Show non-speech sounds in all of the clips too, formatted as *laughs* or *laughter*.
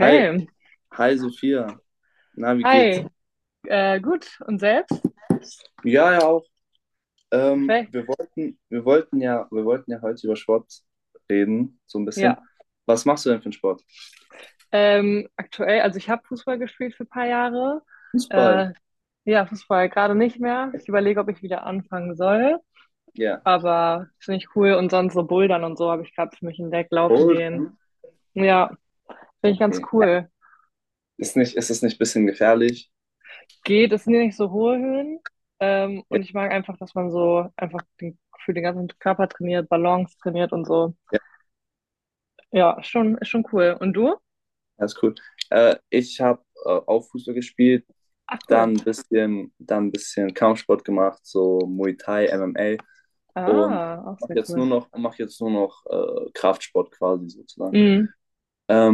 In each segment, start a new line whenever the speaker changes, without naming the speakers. Hi, hi Sophia. Na, wie geht's?
Hi. Gut. Und selbst?
Ja, ja auch. Ähm,
Perfekt.
wir wollten, wir wollten ja, wir wollten ja heute über Sport reden, so ein
Ja.
bisschen. Was machst du denn für einen Sport?
Aktuell, also ich habe Fußball gespielt für ein paar Jahre.
Fußball.
Äh, ja, Fußball gerade nicht mehr. Ich überlege, ob ich wieder anfangen soll.
Ja.
Aber finde ich cool. Und sonst so Bouldern und so habe ich gerade für mich entdeckt, laufen gehen.
Bouldern.
Ja, finde ich ganz
Okay.
cool.
Ist es nicht ein bisschen gefährlich?
Geht, es sind ja nicht so hohe Höhen.
Ja,
Und ich mag einfach, dass man so einfach für den ganzen Körper trainiert, Balance trainiert und so.
ja,
Ja, schon, ist schon cool. Und du?
ja, ist cool. Ich habe auch Fußball gespielt,
Ach, cool.
dann ein bisschen Kampfsport gemacht, so Muay Thai, MMA und
Ah, auch sehr cool.
mach jetzt nur noch Kraftsport quasi sozusagen.
Mhm.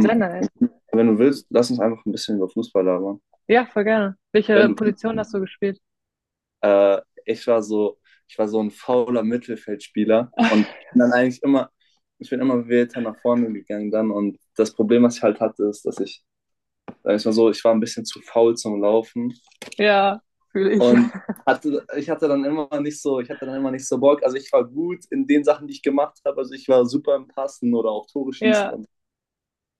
Sehr nice.
Ja, wenn du willst, lass uns einfach ein bisschen über Fußball labern.
Ja, voll gerne. Welche
Wenn du,
Position hast du gespielt?
äh, ich war so, ich war so ein fauler Mittelfeldspieler und bin dann eigentlich immer, ich bin immer weiter nach vorne gegangen dann und das Problem, was ich halt hatte, ist, sag ich mal so, ich war ein bisschen zu faul zum Laufen
Ja, fühle ich.
und
*laughs*
ich hatte dann immer nicht so Bock. Also ich war gut in den Sachen, die ich gemacht habe. Also ich war super im Passen oder auch Tore schießen.
Ja,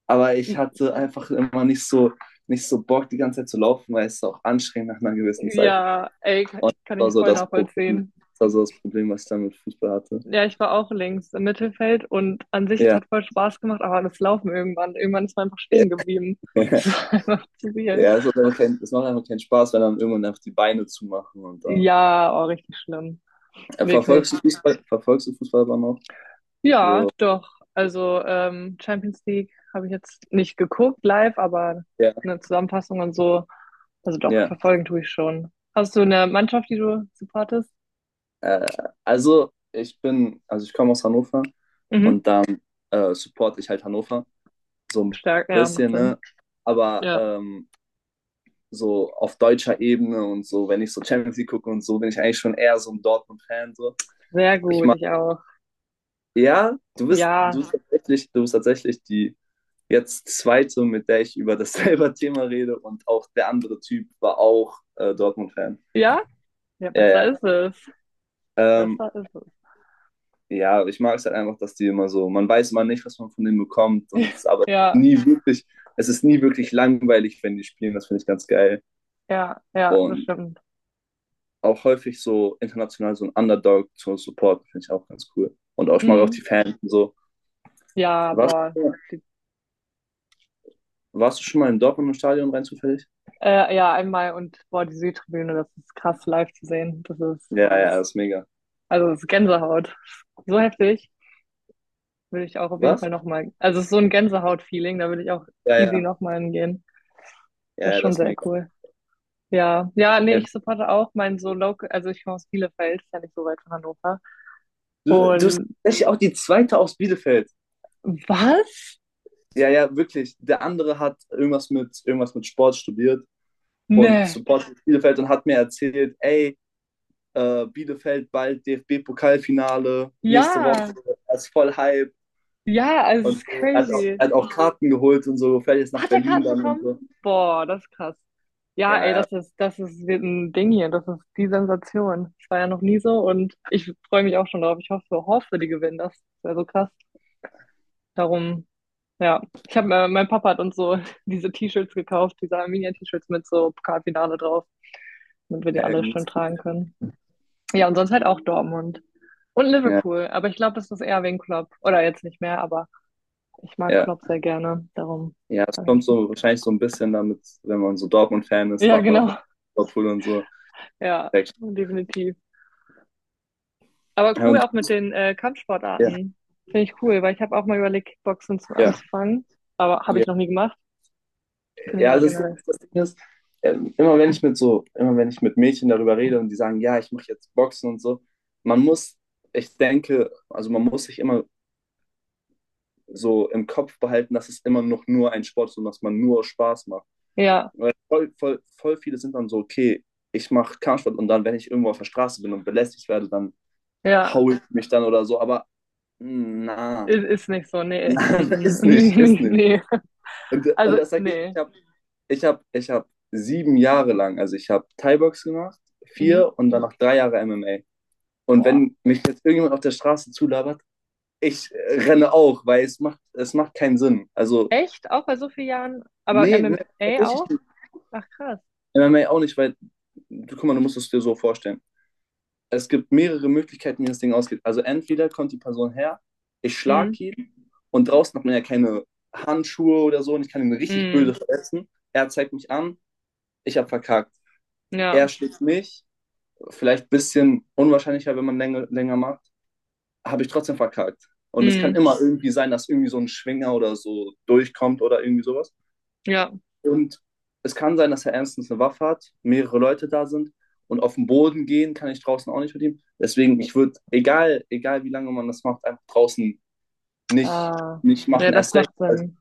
Aber ich hatte einfach immer nicht so Bock, die ganze Zeit zu laufen, weil es auch anstrengend nach einer gewissen Zeit.
ja, ey, ka-
Und
kann ich voll nachvollziehen.
das war so das Problem, was ich dann mit Fußball hatte.
Ja, ich war auch links im Mittelfeld und an sich, es
Ja.
hat voll Spaß gemacht, aber das Laufen irgendwann, irgendwann ist man einfach stehen geblieben. *laughs* Es
*laughs*
war einfach zu viel.
Ja, es macht einfach keinen Spaß, wenn dann irgendwann einfach die Beine zumachen und dann.
Ja, oh, richtig schlimm.
Äh,
Wirklich.
verfolgst du Fußball, verfolgst du Fußball aber noch?
Ja,
Also,
doch. Also Champions League habe ich jetzt nicht geguckt live, aber
ja,
eine Zusammenfassung und so. Also doch,
ja.
verfolgen tue ich schon. Hast du eine Mannschaft, die du supportest?
Äh, also ich komme aus Hannover
Mhm.
und dann supporte ich halt Hannover. So ein
Stark, ja, macht
bisschen, ne?
Sinn.
Aber
Ja,
so auf deutscher Ebene und so, wenn ich so Champions League gucke und so, bin ich eigentlich schon eher so ein Dortmund-Fan. So.
sehr
Ich
gut,
mag
ich auch.
Ja,
Ja,
du bist tatsächlich die jetzt zweite, mit der ich über dasselbe *laughs* Thema rede, und auch der andere Typ war auch Dortmund-Fan.
ja, ja,
Ja,
besser
ja.
ist es.
Ähm,
Besser ist es.
ja, ich mag es halt einfach, dass die immer so, man weiß immer nicht, was man von denen bekommt, und es
*laughs*
ist aber
Ja,
nie wirklich, es ist nie wirklich langweilig, wenn die spielen, das finde ich ganz geil.
ja, ja, das
Und
stimmt.
auch häufig so international so ein Underdog zu supporten, finde ich auch ganz cool. Und auch, ich mag auch
Mhm.
die Fans und so.
Ja,
Warst,
boah.
du-
Die,
warst du schon mal im Dortmunder Stadion, rein zufällig?
ja, einmal und boah, die Südtribüne, das ist krass live zu sehen. Das ist
Ja, ja, das ist mega.
Also es ist Gänsehaut. So heftig. Würde ich auch auf jeden Fall
Was?
nochmal. Also es ist so ein Gänsehaut-Feeling, da würde ich auch
Ja,
easy
ja,
nochmal hingehen.
ja,
Das ist
ja,
schon
das ist
sehr
mega.
cool. Ja, ja, nee,
Ja,
ich supporte auch mein so local, also ich komme aus Bielefeld, ist ja nicht so weit von Hannover.
du bist
Und
tatsächlich auch die zweite aus Bielefeld.
Was?
Ja, ja, wirklich. Der andere hat irgendwas mit Sport studiert und
Ne.
supportet Bielefeld und hat mir erzählt, ey, Bielefeld bald DFB-Pokalfinale, nächste
Ja,
Woche, er ist voll Hype
ja, also es
und
ist
so.
crazy.
Er hat auch Karten geholt und so, fährt jetzt nach
Hat er
Berlin
Karten
dann und
bekommen?
so.
Boah, das ist krass. Ja,
Ja,
ey,
ja,
das ist wird ein Ding hier. Das ist die Sensation. Das war ja noch nie so und ich freue mich auch schon drauf. Ich hoffe, hoffe, die gewinnen das. Wäre so krass. Darum, ja. Mein Papa hat uns so *laughs* diese T-Shirts gekauft, diese Arminia-T-Shirts mit so Pokalfinale drauf, damit
*laughs*
wir die
ja,
alle
gut.
schön tragen können.
Ja,
Ja, und sonst halt auch Dortmund und
ja.
Liverpool. Aber ich glaube, das ist eher wegen Klopp. Oder jetzt nicht mehr, aber ich mag
Ja.
Klopp sehr gerne. Darum
Ja, es
habe
kommt
ich.
so wahrscheinlich so ein bisschen damit, wenn man so Dortmund-Fan ist,
Ja,
mag man auch
genau.
Liverpool und so.
Ja,
Perfekt.
definitiv. Aber
Ja,
cool
und
auch mit den
ja,
Kampfsportarten. Finde ich cool, weil ich habe auch mal überlegt, Kickboxen zu
ja,
anzufangen. Aber habe
ja.
ich noch nie gemacht. Finde ich
Ja,
aber
also
generell.
das Ding ist immer wenn ich mit Mädchen darüber rede und die sagen, ja, ich mache jetzt Boxen und so, man muss, ich denke, also man muss sich immer so im Kopf behalten, dass es immer noch nur ein Sport ist und dass man nur Spaß macht.
Ja,
Weil voll, voll, voll viele sind dann so, okay, ich mache Kampfsport und dann, wenn ich irgendwo auf der Straße bin und belästigt werde, dann
ja.
haue ich mich dann oder so. Aber na,
Ist nicht so. Nee. Mm
nein, *laughs*
-mm. *laughs* Nee,
ist
nee,
nicht.
nee.
Und
Also,
das sage ich,
nee.
ich hab 7 Jahre lang, also ich habe Thai-Box gemacht,
Mhm.
vier und dann noch 3 Jahre MMA. Und
Boah.
wenn mich jetzt irgendjemand auf der Straße zulabert, ich renne auch, weil es macht keinen Sinn. Also,
Echt? Auch bei so vielen Jahren? Aber
nee, nee,
MMA
tatsächlich
auch?
nicht.
Ach, krass.
MMA auch nicht, weil, du, guck mal, du musst es dir so vorstellen. Es gibt mehrere Möglichkeiten, wie das Ding ausgeht. Also entweder kommt die Person her, ich
Mhm.
schlag ihn, und draußen hat man ja keine Handschuhe oder so, und ich kann ihn richtig böse
Mhm.
verletzen. Er zeigt mich an, ich habe verkackt.
Ja.
Er schlägt mich, vielleicht ein bisschen unwahrscheinlicher, wenn man länger, länger macht, habe ich trotzdem verkackt. Und es kann
Mhm.
immer irgendwie sein, dass irgendwie so ein Schwinger oder so durchkommt oder irgendwie sowas.
Ja.
Und es kann sein, dass er ernstens eine Waffe hat, mehrere Leute da sind, und auf den Boden gehen kann ich draußen auch nicht mit ihm. Deswegen, ich würde, egal, egal wie lange man das macht, einfach draußen nicht,
Ah.
nicht
Ja,
machen.
das
Erst recht,
macht Sinn.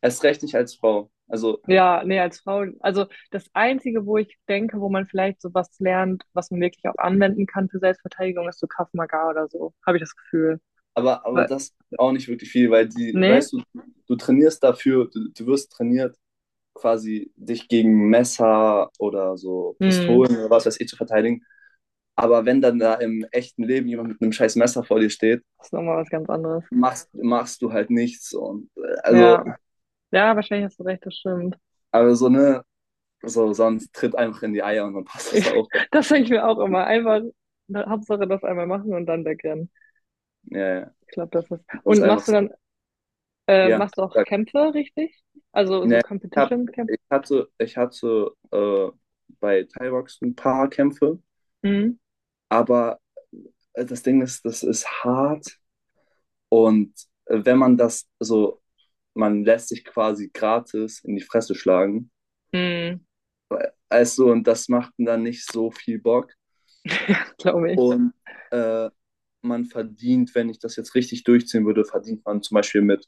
erst recht nicht als Frau. Also,
Ja, nee, als Frau, also das Einzige, wo ich denke, wo man vielleicht sowas lernt, was man wirklich auch anwenden kann für Selbstverteidigung, ist so Krav Maga oder so, habe ich das Gefühl.
aber
Weil,
das ist auch nicht wirklich viel, weil die,
nee?
weißt du, du wirst trainiert, quasi dich gegen Messer oder so
Hm,
Pistolen oder was weiß ich zu verteidigen. Aber wenn dann da im echten Leben jemand mit einem scheiß Messer vor dir steht,
das ist nochmal was ganz anderes.
machst du halt nichts. Und Also,
Ja, ja, wahrscheinlich hast du recht, das stimmt.
aber so, ne, so, sonst tritt einfach in die Eier und dann *laughs* passt
Ich,
das auch.
*laughs* Das denke ich mir auch immer. Einfach, na, Hauptsache das einmal machen und dann wegrennen.
Ja, ja.
Ich glaube, das ist.
Sonst
Und
einfach so, ja,
machst du auch
sag,
Kämpfe, richtig? Also
ne,
so
hab,
Competition-Kämpfe?
ich hatte bei Thaibox ein paar Kämpfe,
Hm,
aber das Ding ist, das ist hart, und wenn man das so, man lässt sich quasi gratis in die Fresse schlagen.
hm,
Also, und das macht dann nicht so viel Bock.
Glaube ich.
Und äh, man verdient, wenn ich das jetzt richtig durchziehen würde, verdient man zum Beispiel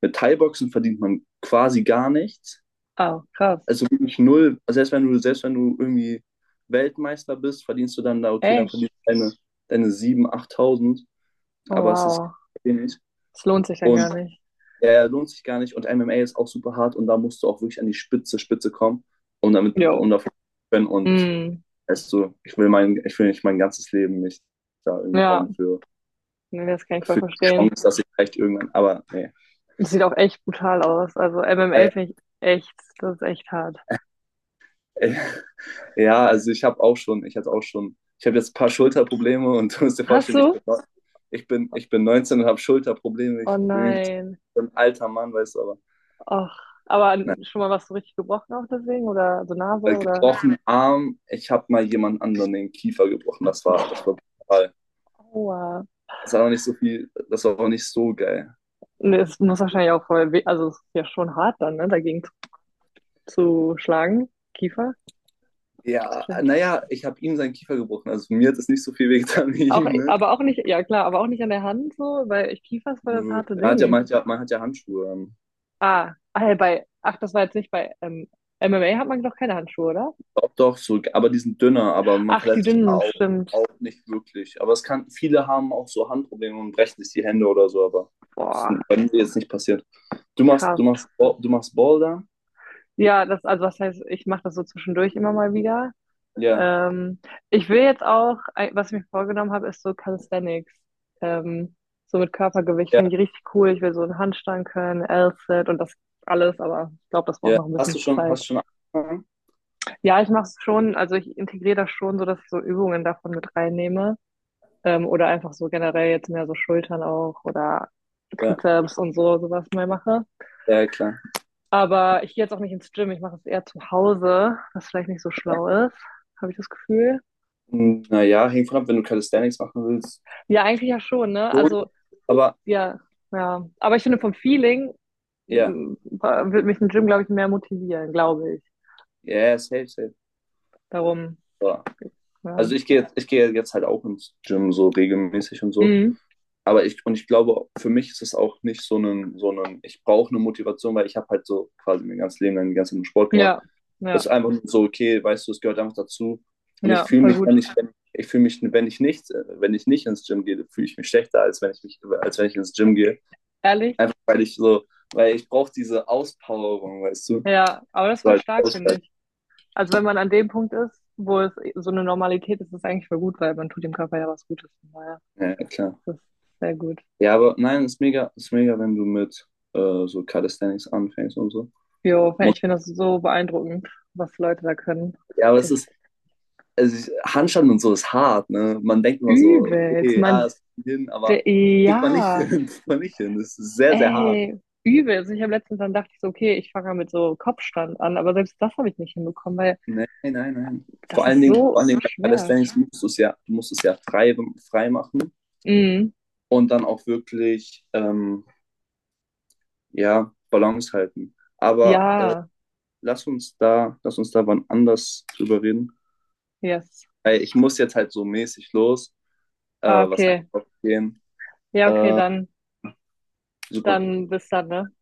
mit Thai-Boxen verdient man quasi gar nichts.
Ah, krass.
Also wirklich null. Also selbst wenn du, selbst wenn du irgendwie Weltmeister bist, verdienst du dann da, okay, dann
Echt?
verdienst du deine 7.000, 8.000,
Oh,
aber es ist
wow.
wenig.
Es lohnt sich dann
Und
gar nicht.
er lohnt sich gar nicht. Und MMA ist auch super hart, und da musst du auch wirklich an die Spitze, Spitze kommen,
Jo.
um davon zu können. Und
Hm,
weißt du, ich will nicht mein ganzes Leben nicht da irgendwie
ja,
hauen für
nee, das kann ich voll
die
verstehen.
Chance, dass ich vielleicht irgendwann, aber nee.
Das sieht auch echt brutal aus. Also MMA
Äh,
finde ich echt, das ist echt hart.
äh, ja, also ich hatte auch schon, ich habe jetzt ein paar Schulterprobleme, und du musst dir
Hast
vorstellen,
du?
ich bin 19 und habe Schulterprobleme.
Oh
Ich bin
nein.
ein alter Mann, weißt du, aber
Ach, aber
nein.
schon mal was so richtig gebrochen auch deswegen? Oder so Nase oder
Gebrochen Arm, ich habe mal jemand anderen den Kiefer gebrochen. Das war brutal.
Aua.
Das war noch nicht so viel, das war auch nicht so geil.
Nee, es muss wahrscheinlich auch voll weh, also es ist ja schon hart dann, ne, dagegen zu schlagen. Kiefer? Ist
Ja,
wahrscheinlich-
naja, ich habe ihm seinen Kiefer gebrochen. Also mir hat es nicht so viel wehgetan wie
Auch,
ihm, ne?
aber auch nicht, ja klar, aber auch nicht an der Hand so, weil Kiefer ist voll das harte Ding.
Man hat ja Handschuhe an.
Ah, ach, ja, bei, ach, das war jetzt nicht bei MMA hat man doch keine Handschuhe, oder?
Doch, doch, so, aber die sind dünner, aber man
Ach, die
verletzt sich da
dünnen, stimmt.
auch nicht wirklich. Aber es kann, viele haben auch so Handprobleme und brechen sich die Hände oder so, aber
Boah,
bei mir ist jetzt nicht passiert. Du machst,
krass.
du machst, Bo- du machst Boulder?
Ja, also was heißt, ich mache das so zwischendurch immer mal wieder.
Ja,
Ähm, Ich will jetzt auch, was ich mir vorgenommen habe, ist so Calisthenics. Ähm, so mit Körpergewicht finde
ja,
ich richtig cool. Ich will so einen Handstand können, L-Sit und das alles, aber ich glaube, das braucht
ja.
noch ein
Hast du
bisschen
schon,
Zeit.
hast du schon angefangen?
Ja, ich mache es schon, also ich integriere das schon so, dass ich so Übungen davon mit reinnehme. Oder einfach so generell jetzt mehr so Schultern auch oder
Ja,
Trizeps und so, sowas mal mache.
ja, klar.
Aber ich gehe jetzt auch nicht ins Gym, ich mache es eher zu Hause, was vielleicht nicht so
Ja.
schlau ist, habe ich das Gefühl.
Naja, hängt von ab, wenn du Calisthenics machen willst.
Ja, eigentlich ja schon, ne?
So,
Also,
aber
ja, ja. Aber ich finde, vom Feeling
ja,
wird mich ein Gym, glaube ich, mehr motivieren, glaube ich.
ja, safe, safe.
Darum,
Ja.
ja.
Also ich gehe jetzt halt auch ins Gym so regelmäßig und so.
Mhm.
Und ich glaube, für mich ist es auch nicht so ein, ich brauche eine Motivation, weil ich habe halt so quasi mein ganzes Leben lang den ganzen Sport gemacht.
Ja,
Das
ja,
ist einfach so, okay, weißt du, es gehört einfach dazu. Und
ja, voll gut.
ich fühle mich, wenn ich nicht ins Gym gehe, fühle ich mich schlechter, als wenn ich ins Gym gehe.
Ehrlich?
Einfach weil ich brauche diese Auspowerung, weißt du?
Ja, aber das ist
So
voll
als
stark, finde
Ausgleich.
ich. Also wenn man an dem Punkt ist, wo es so eine Normalität ist, ist es eigentlich voll gut, weil man tut dem Körper ja was Gutes. Von daher,
Ja, klar.
das ist sehr gut.
Ja, aber nein, ist mega, wenn du mit so Calisthenics anfängst und so.
Jo,
Muss-
ich finde das so beeindruckend, was Leute da können. Das
Ja, aber
ist
es ist,
echt
also Handstand und so ist hart, ne? Man denkt immer so,
übelst.
okay, ja,
Man,
es kommt hin, aber kriegt man nicht
ja,
hin, *laughs* kriegt man nicht hin. Das ist sehr, sehr hart.
ey, übelst. Also ich habe letztens, dann dachte ich so, okay, ich fange mal mit so Kopfstand an, aber selbst das habe ich nicht hinbekommen, weil
Nein, nein, nein. Vor
das
allen
ist
Dingen, vor
so
allen Dingen bei
schwer.
Calisthenics musst du es ja, du musst es ja frei, frei machen
Mm,
und dann auch wirklich, ja, Balance halten. Aber
ja,
lass uns da wann anders drüber reden.
yes.
Ey, ich muss jetzt halt so mäßig los,
Ah,
was
okay.
einkaufen gehen.
Ja, okay, dann,
Super.
dann bis dann, ne?